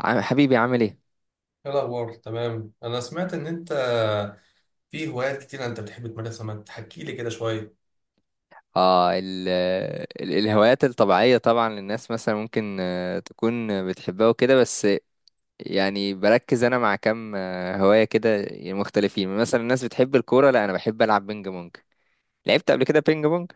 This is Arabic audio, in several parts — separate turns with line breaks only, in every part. حبيبي عامل ايه؟
ايه الاخبار؟ تمام. انا سمعت ان انت في هوايات كتير انت بتحب تمارسها، ما تحكي لي كده شويه.
اه، ال ال الهوايات الطبيعية طبعا للناس، مثلا ممكن تكون بتحبها وكده. بس يعني بركز انا مع كام هواية كده. يعني مختلفين، مثلا الناس بتحب الكورة، لا انا بحب العب بينج بونج. لعبت قبل كده بينج بونج؟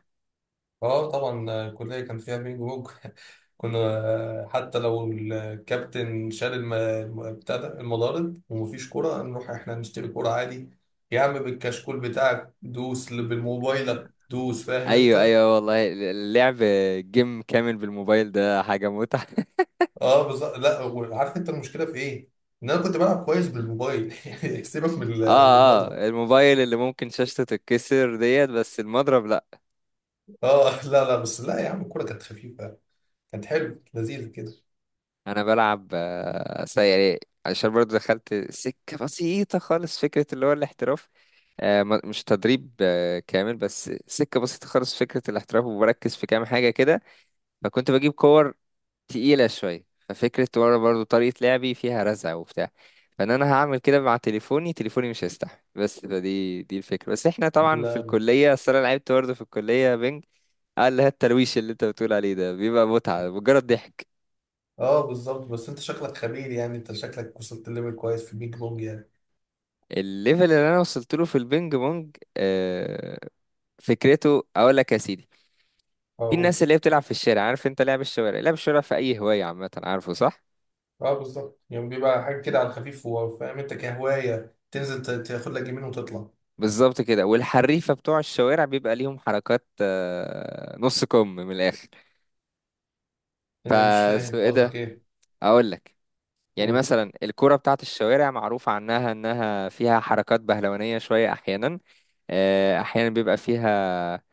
اه طبعا، الكليه كان فيها بينج بونج. كنا حتى لو الكابتن شال بتاع ده المضارب ومفيش كوره، نروح احنا نشتري كوره عادي. يا عم بالكشكول بتاعك دوس، اللي بالموبايلك دوس، فاهم
ايوه،
انت.
ايوه، والله اللعب جيم كامل بالموبايل ده حاجة متعة.
اه بالظبط. لا عارف انت المشكله في ايه، ان انا كنت بلعب كويس بالموبايل. يعني سيبك من من
اه،
المضرب.
اه، الموبايل اللي ممكن شاشته تتكسر ديت، بس المضرب لا.
اه لا لا، بس لا يا عم، الكوره كانت خفيفه، كانت حلو لذيذ كده.
انا بلعب سيئة، عشان برضو دخلت سكة بسيطة خالص فكرة اللي هو الاحتراف. مش تدريب كامل، بس سكة بسيطة خالص فكرة الاحتراف، وبركز في كام حاجة كده. فكنت بجيب كور تقيلة شوية، ففكرة ورا برضو طريقة لعبي فيها رزع وبتاع. فان انا هعمل كده مع تليفوني مش هيستحمل، بس فدي الفكرة. بس احنا طبعا في
لا.
الكلية، اصل انا لعبت برضه في الكلية بينج. قال لها الترويش اللي انت بتقول عليه ده بيبقى متعة مجرد ضحك.
اه بالظبط، بس انت شكلك خبير، يعني انت شكلك وصلت ليفل كويس في البيج بونج يعني.
الليفل اللي انا وصلت له في البينج بونج فكرته اقول لك يا سيدي. في الناس
اقول.
اللي هي بتلعب في الشارع، عارف انت، لعب الشوارع، لعب الشوارع في اي هوايه عامه، عارفه صح.
اه بالظبط، يعني بيبقى حاجه كده على الخفيف، وفاهم انت كهوايه تنزل تاخد لك جيمين وتطلع.
بالظبط كده، والحريفه بتوع الشوارع بيبقى ليهم حركات نص كم من الاخر.
يعني مش
فس
فاهم
ايه
قصدك
ده،
ايه.
اقول لك، يعني
قول.
مثلا الكرة بتاعت الشوارع معروف عنها انها فيها حركات بهلوانية شوية احيانا. احيانا بيبقى فيها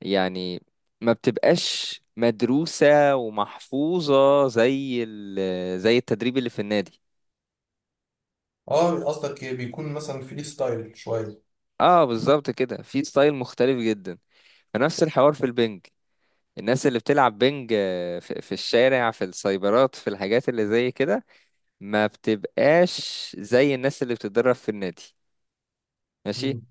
يعني، ما بتبقاش مدروسة ومحفوظة زي زي التدريب اللي في النادي.
اه قصدك إيه؟ بيكون مثلا فري ستايل شويه.
اه بالظبط كده، في ستايل مختلف جدا. فنفس الحوار في البنج، الناس اللي بتلعب بنج في الشارع، في السايبرات، في الحاجات اللي زي كده، ما بتبقاش زي الناس اللي بتتدرب في النادي. ماشي.
مم.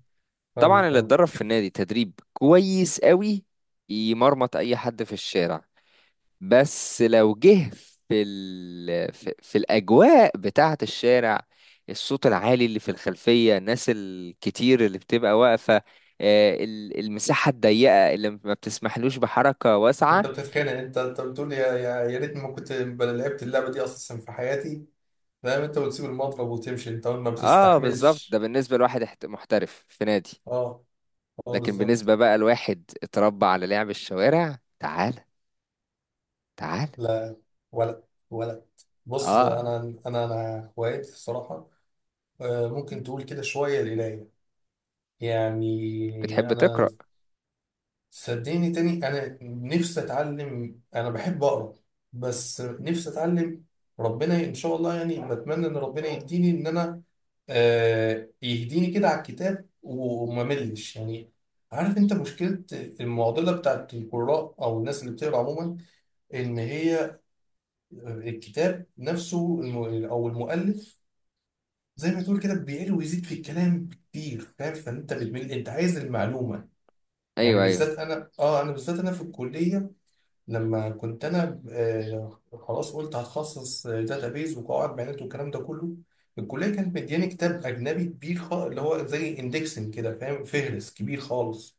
طبعا
فاهمك
اللي
اه.
اتدرب في النادي تدريب كويس قوي يمرمط اي حد في الشارع، بس لو جه في ال... في في الأجواء بتاعة الشارع، الصوت العالي اللي في الخلفية، الناس الكتير اللي بتبقى واقفة، المساحة الضيقة اللي ما بتسمحلوش بحركة
انت
واسعة.
بتتخانق، انت انت بتقول يا ريتني ما كنت لعبت اللعبه دي اساسا في حياتي، فاهم انت، وتسيب المضرب وتمشي، انت ما
اه بالظبط، ده
بتستحملش.
بالنسبة لواحد محترف في نادي،
اه. اه
لكن
بالظبط.
بالنسبة بقى لواحد اتربى على لعب الشوارع، تعال تعال.
لا. ولد، ولد، بص
اه،
انا. انا انا هوايتي الصراحه، ممكن تقول كده شويه القرايه. يعني
بتحب
انا،
تقرأ.
صدقني تاني، انا نفسي اتعلم، انا بحب اقرا، بس نفسي اتعلم. ربنا ان شاء الله، يعني بتمنى ان ربنا يديني ان انا يهديني كده على الكتاب وما ملش يعني. عارف انت مشكله، المعضله بتاعت القراء او الناس اللي بتقرا عموما، ان هي الكتاب نفسه او المؤلف، زي ما تقول كده بيعلي ويزيد في الكلام كتير، فاهم، فانت بتمل، انت عايز المعلومه. يعني
ايوه، ايوه،
بالذات انا، اه انا بالذات انا في الكليه لما كنت انا آه خلاص، قلت هتخصص داتابيز وقواعد بيانات والكلام ده كله. الكليه كانت مدياني كتاب اجنبي كبير خالص، اللي هو زي اندكسنج كده، فاهم، فهرس كبير خالص.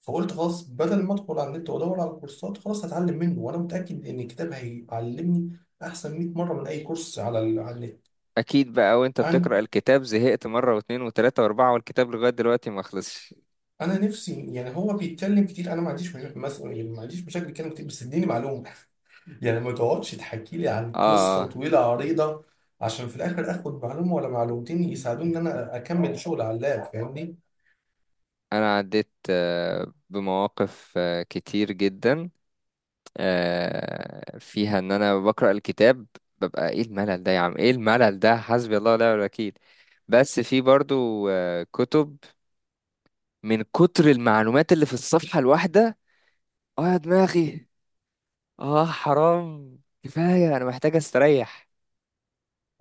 فقلت خلاص، بدل ما ادخل على النت وادور على كورسات، خلاص هتعلم منه، وانا متاكد ان الكتاب هيعلمني احسن 100 مره من اي كورس على على النت.
اكيد بقى، وانت
انا،
بتقرأ الكتاب زهقت مرة واثنين وثلاثة واربعة والكتاب لغاية دلوقتي ما خلصش.
انا نفسي يعني هو بيتكلم كتير، انا ما عنديش يعني ما عنديش مشاكل يتكلم كتير، بس اديني معلومه. يعني ما تقعدش تحكي لي عن
اه.
قصه
آه.
طويله عريضه، عشان في الاخر اخد معلومه ولا معلومتين يساعدوني ان انا اكمل شغل على اللاب، فاهمني.
انا عديت بمواقف كتير جدا فيها ان انا بقرأ الكتاب، ببقى ايه الملل ده يا عم، ايه الملل ده، حسبي الله ونعم الوكيل. بس في برضو كتب من كتر المعلومات اللي في الصفحة الواحدة، اه يا دماغي، اه حرام، كفاية، انا محتاج استريح.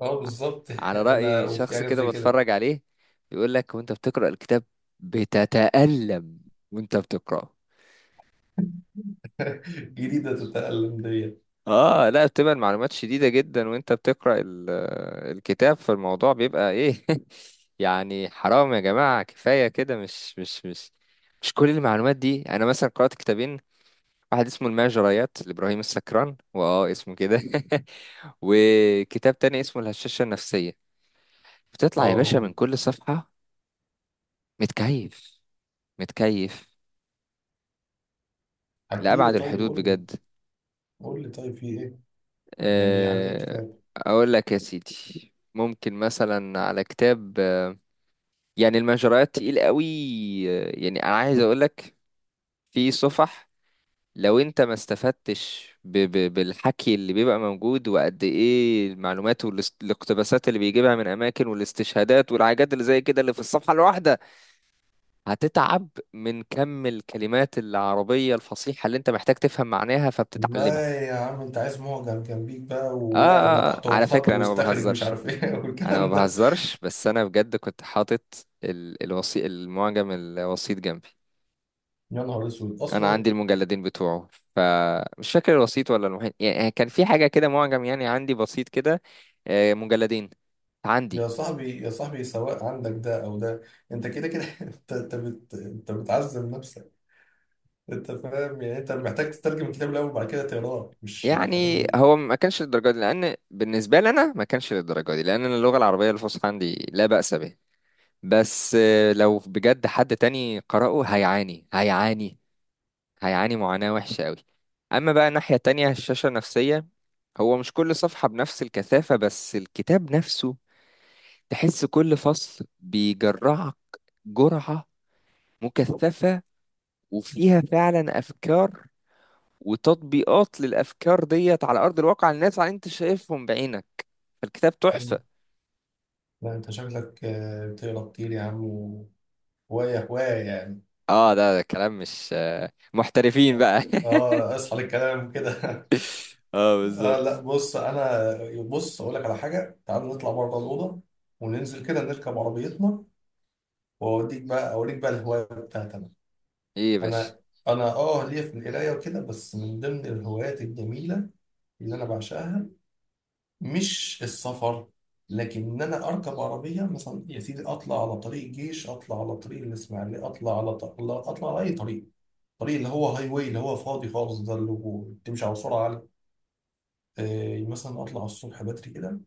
اه بالظبط.
على
انا
رأي
وفي
شخص
حاجه
كده
زي كده.
بتفرج عليه يقول لك، وانت بتقرأ الكتاب بتتألم وانت بتقرأه.
جديده تتألم ديت.
اه، لا بتبقى المعلومات شديدة جدا، وانت بتقرأ الكتاب، فالموضوع بيبقى ايه. يعني حرام يا جماعة، كفاية كده، مش كل المعلومات دي. انا مثلا قرأت كتابين، واحد اسمه المجريات لإبراهيم السكران واه اسمه كده، وكتاب تاني اسمه الهشاشة النفسية. بتطلع يا باشا
اه
من كل صفحة متكيف، متكيف
حكي لي
لأبعد
طيب،
الحدود،
قول لي.
بجد.
قول لي طيب في ايه، يعني يعني ايه
آه،
كتاب.
اقول لك يا سيدي، ممكن مثلا على كتاب، يعني المجريات تقيل قوي، يعني انا عايز اقولك، في صفح لو انت ما استفدتش ب ب بالحكي اللي بيبقى موجود، وقد ايه المعلومات والاقتباسات اللي بيجيبها من اماكن، والاستشهادات والحاجات اللي زي كده اللي في الصفحة الواحدة، هتتعب من كم الكلمات العربية الفصيحة اللي انت محتاج تفهم معناها فبتتعلمها.
لا يا عم، انت عايز معجم جنبيك بقى، واعرب تحته
على
وخط
فكرة انا ما
واستخرج مش
بهزرش،
عارف ايه،
انا ما
والكلام ده.
بهزرش، بس انا بجد كنت حاطط الوصي المعجم الوسيط جنبي.
يا نهار اسود
انا
اصلا.
عندي المجلدين بتوعه، فمش فاكر الوسيط ولا المحيط، يعني كان في حاجه كده معجم، يعني عندي بسيط كده مجلدين
يا
عندي.
صاحبي، يا صاحبي، سواء عندك ده او ده انت كده كده، انت انت بتعذب نفسك. انت فاهم يعني، انت محتاج تترجم الكتاب الاول وبعد كده تقراه مش.
يعني هو ما كانش للدرجه دي، لان بالنسبه لي انا ما كانش للدرجه دي، لان انا اللغه العربيه الفصحى عندي لا باس به. بس لو بجد حد تاني قرأه هيعاني، هيعاني، هيعاني معاناه وحشه قوي. اما بقى الناحيه التانية الشاشه النفسيه، هو مش كل صفحه بنفس الكثافه، بس الكتاب نفسه تحس كل فصل بيجرعك جرعة مكثفة، وفيها فعلا أفكار وتطبيقات للأفكار ديت على أرض الواقع، الناس على أنت شايفهم بعينك. فالكتاب تحفة.
لا انت شكلك بتقرا كتير يا عم، وهوايه هوايه يعني.
اه، ده كلام مش محترفين بقى.
اه اصحى للكلام كده.
اه
آه لا
بالظبط.
بص انا، بص اقول لك على حاجه، تعال نطلع بره الاوضه، وننزل كده نركب عربيتنا، واوديك بقى، اوريك بقى الهوايه بتاعتي انا.
ايه يا باشا؟
انا، انا ليا في القرايه وكده، بس من ضمن الهوايات الجميله اللي انا بعشقها، مش السفر، لكن ان انا اركب عربيه مثلا يا سيدي، اطلع على طريق الجيش، اطلع على طريق الاسماعيليه، اطلع على ط- لا، اطلع على اي طريق، الطريق اللي هو هاي واي، اللي هو فاضي خالص، ده اللي هو بتمشي على سرعه عاليه. مثلا اطلع الصبح بدري كده،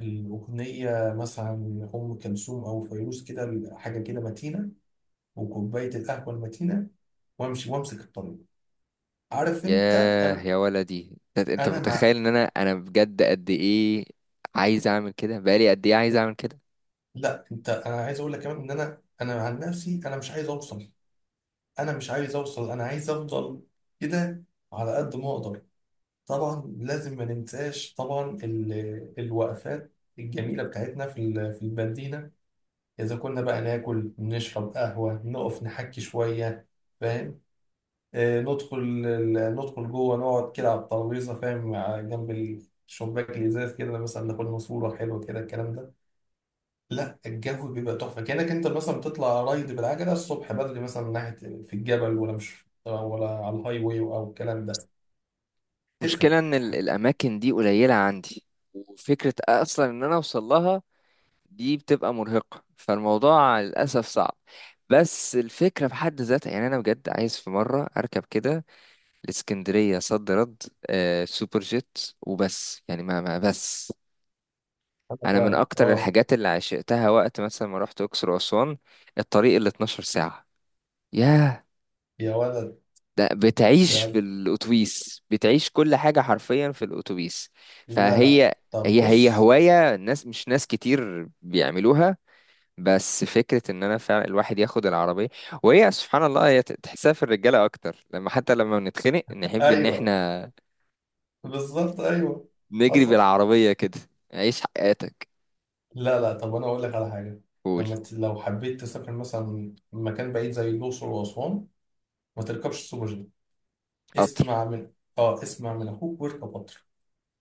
الأغنية مثلا أم كلثوم أو فيروز كده، حاجة كده متينة، وكوباية القهوة المتينة، وأمشي وأمسك الطريق، عارف أنت.
ياه
أنا،
يا ولدي، انت
أنا مع.
متخيل ان انا بجد قد ايه عايز اعمل كده، بقالي قد ايه عايز اعمل كده.
لا أنت، أنا عايز أقول لك كمان إن أنا، أنا عن نفسي أنا مش عايز أوصل، أنا مش عايز أوصل، أنا عايز أفضل كده على قد ما أقدر. طبعا لازم ما ننساش طبعا الوقفات الجميلة بتاعتنا في في المدينة، إذا كنا بقى ناكل، نشرب قهوة، نقف نحكي شوية، فاهم، ندخل ندخل جوه، نقعد كده على الترابيزه، فاهم، جنب الشباك الازاز كده، مثلا ناخد لنا صوره حلوه كده، الكلام ده. لا الجو بيبقى تحفه، كانك انت مثلا بتطلع رايد بالعجله الصبح بدري مثلا من ناحيه في الجبل، ولا مش، ولا على الهاي واي او الكلام ده، تفرق.
مشكلة ان الاماكن دي قليلة عندي، وفكرة اصلا ان انا اوصل لها دي بتبقى مرهقة، فالموضوع للأسف صعب. بس الفكرة في حد ذاتها، يعني أنا بجد عايز في مرة أركب كده، الإسكندرية صد رد، سوبر جيت وبس، يعني ما بس.
انا
أنا من
فاهم
أكتر
اه.
الحاجات اللي عشقتها وقت مثلا ما رحت أقصر وأسوان، الطريق اللي 12 ساعة، ياه.
يا ولد،
ده بتعيش
يا
في
ولد.
الأتوبيس، بتعيش كل حاجة حرفيا في الأتوبيس.
لا لا،
فهي
طب
هي هي
بص.
هواية الناس، مش ناس كتير بيعملوها، بس فكرة ان انا فعلا الواحد ياخد العربية وهي سبحان الله، هي تحسها في الرجالة اكتر، لما، حتى لما بنتخنق نحب ان
ايوه
احنا
بالظبط ايوه.
نجري
حصل.
بالعربية كده. عيش حياتك.
لا لا، طب انا اقول لك على حاجه،
قول.
لما لو حبيت تسافر مثلا مكان بعيد زي الاقصر واسوان، ما تركبش سوبر جيت،
قطر.
اسمع من. اه اسمع من اخوك واركب قطر،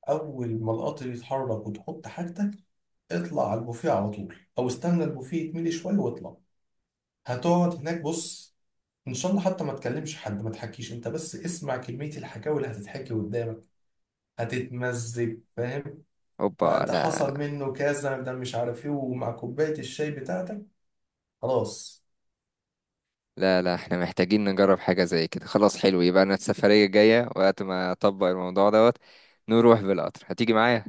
اول ما القطر يتحرك وتحط حاجتك، اطلع على البوفيه على طول، او استنى البوفيه يتملي شويه واطلع. هتقعد هناك بص، ان شاء الله حتى ما تكلمش حد، ما تحكيش انت، بس اسمع كميه الحكاوي اللي هتتحكي قدامك، هتتمزج فاهم،
اوبا.
ده
لا،
حصل منه كذا، ده مش عارف ايه، ومع كوبايه الشاي بتاعتك، خلاص.
لا، لا، احنا محتاجين نجرب حاجة زي كده. خلاص، حلو. يبقى انا السفرية الجاية وقت ما اطبق الموضوع دوت نروح بالقطر، هتيجي معايا.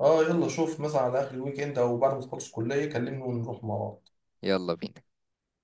اه يلا شوف مثلا على اخر الويك اند او بعد ما تخلص الكليه كلمني، ونروح مع بعض.
يلا بينا.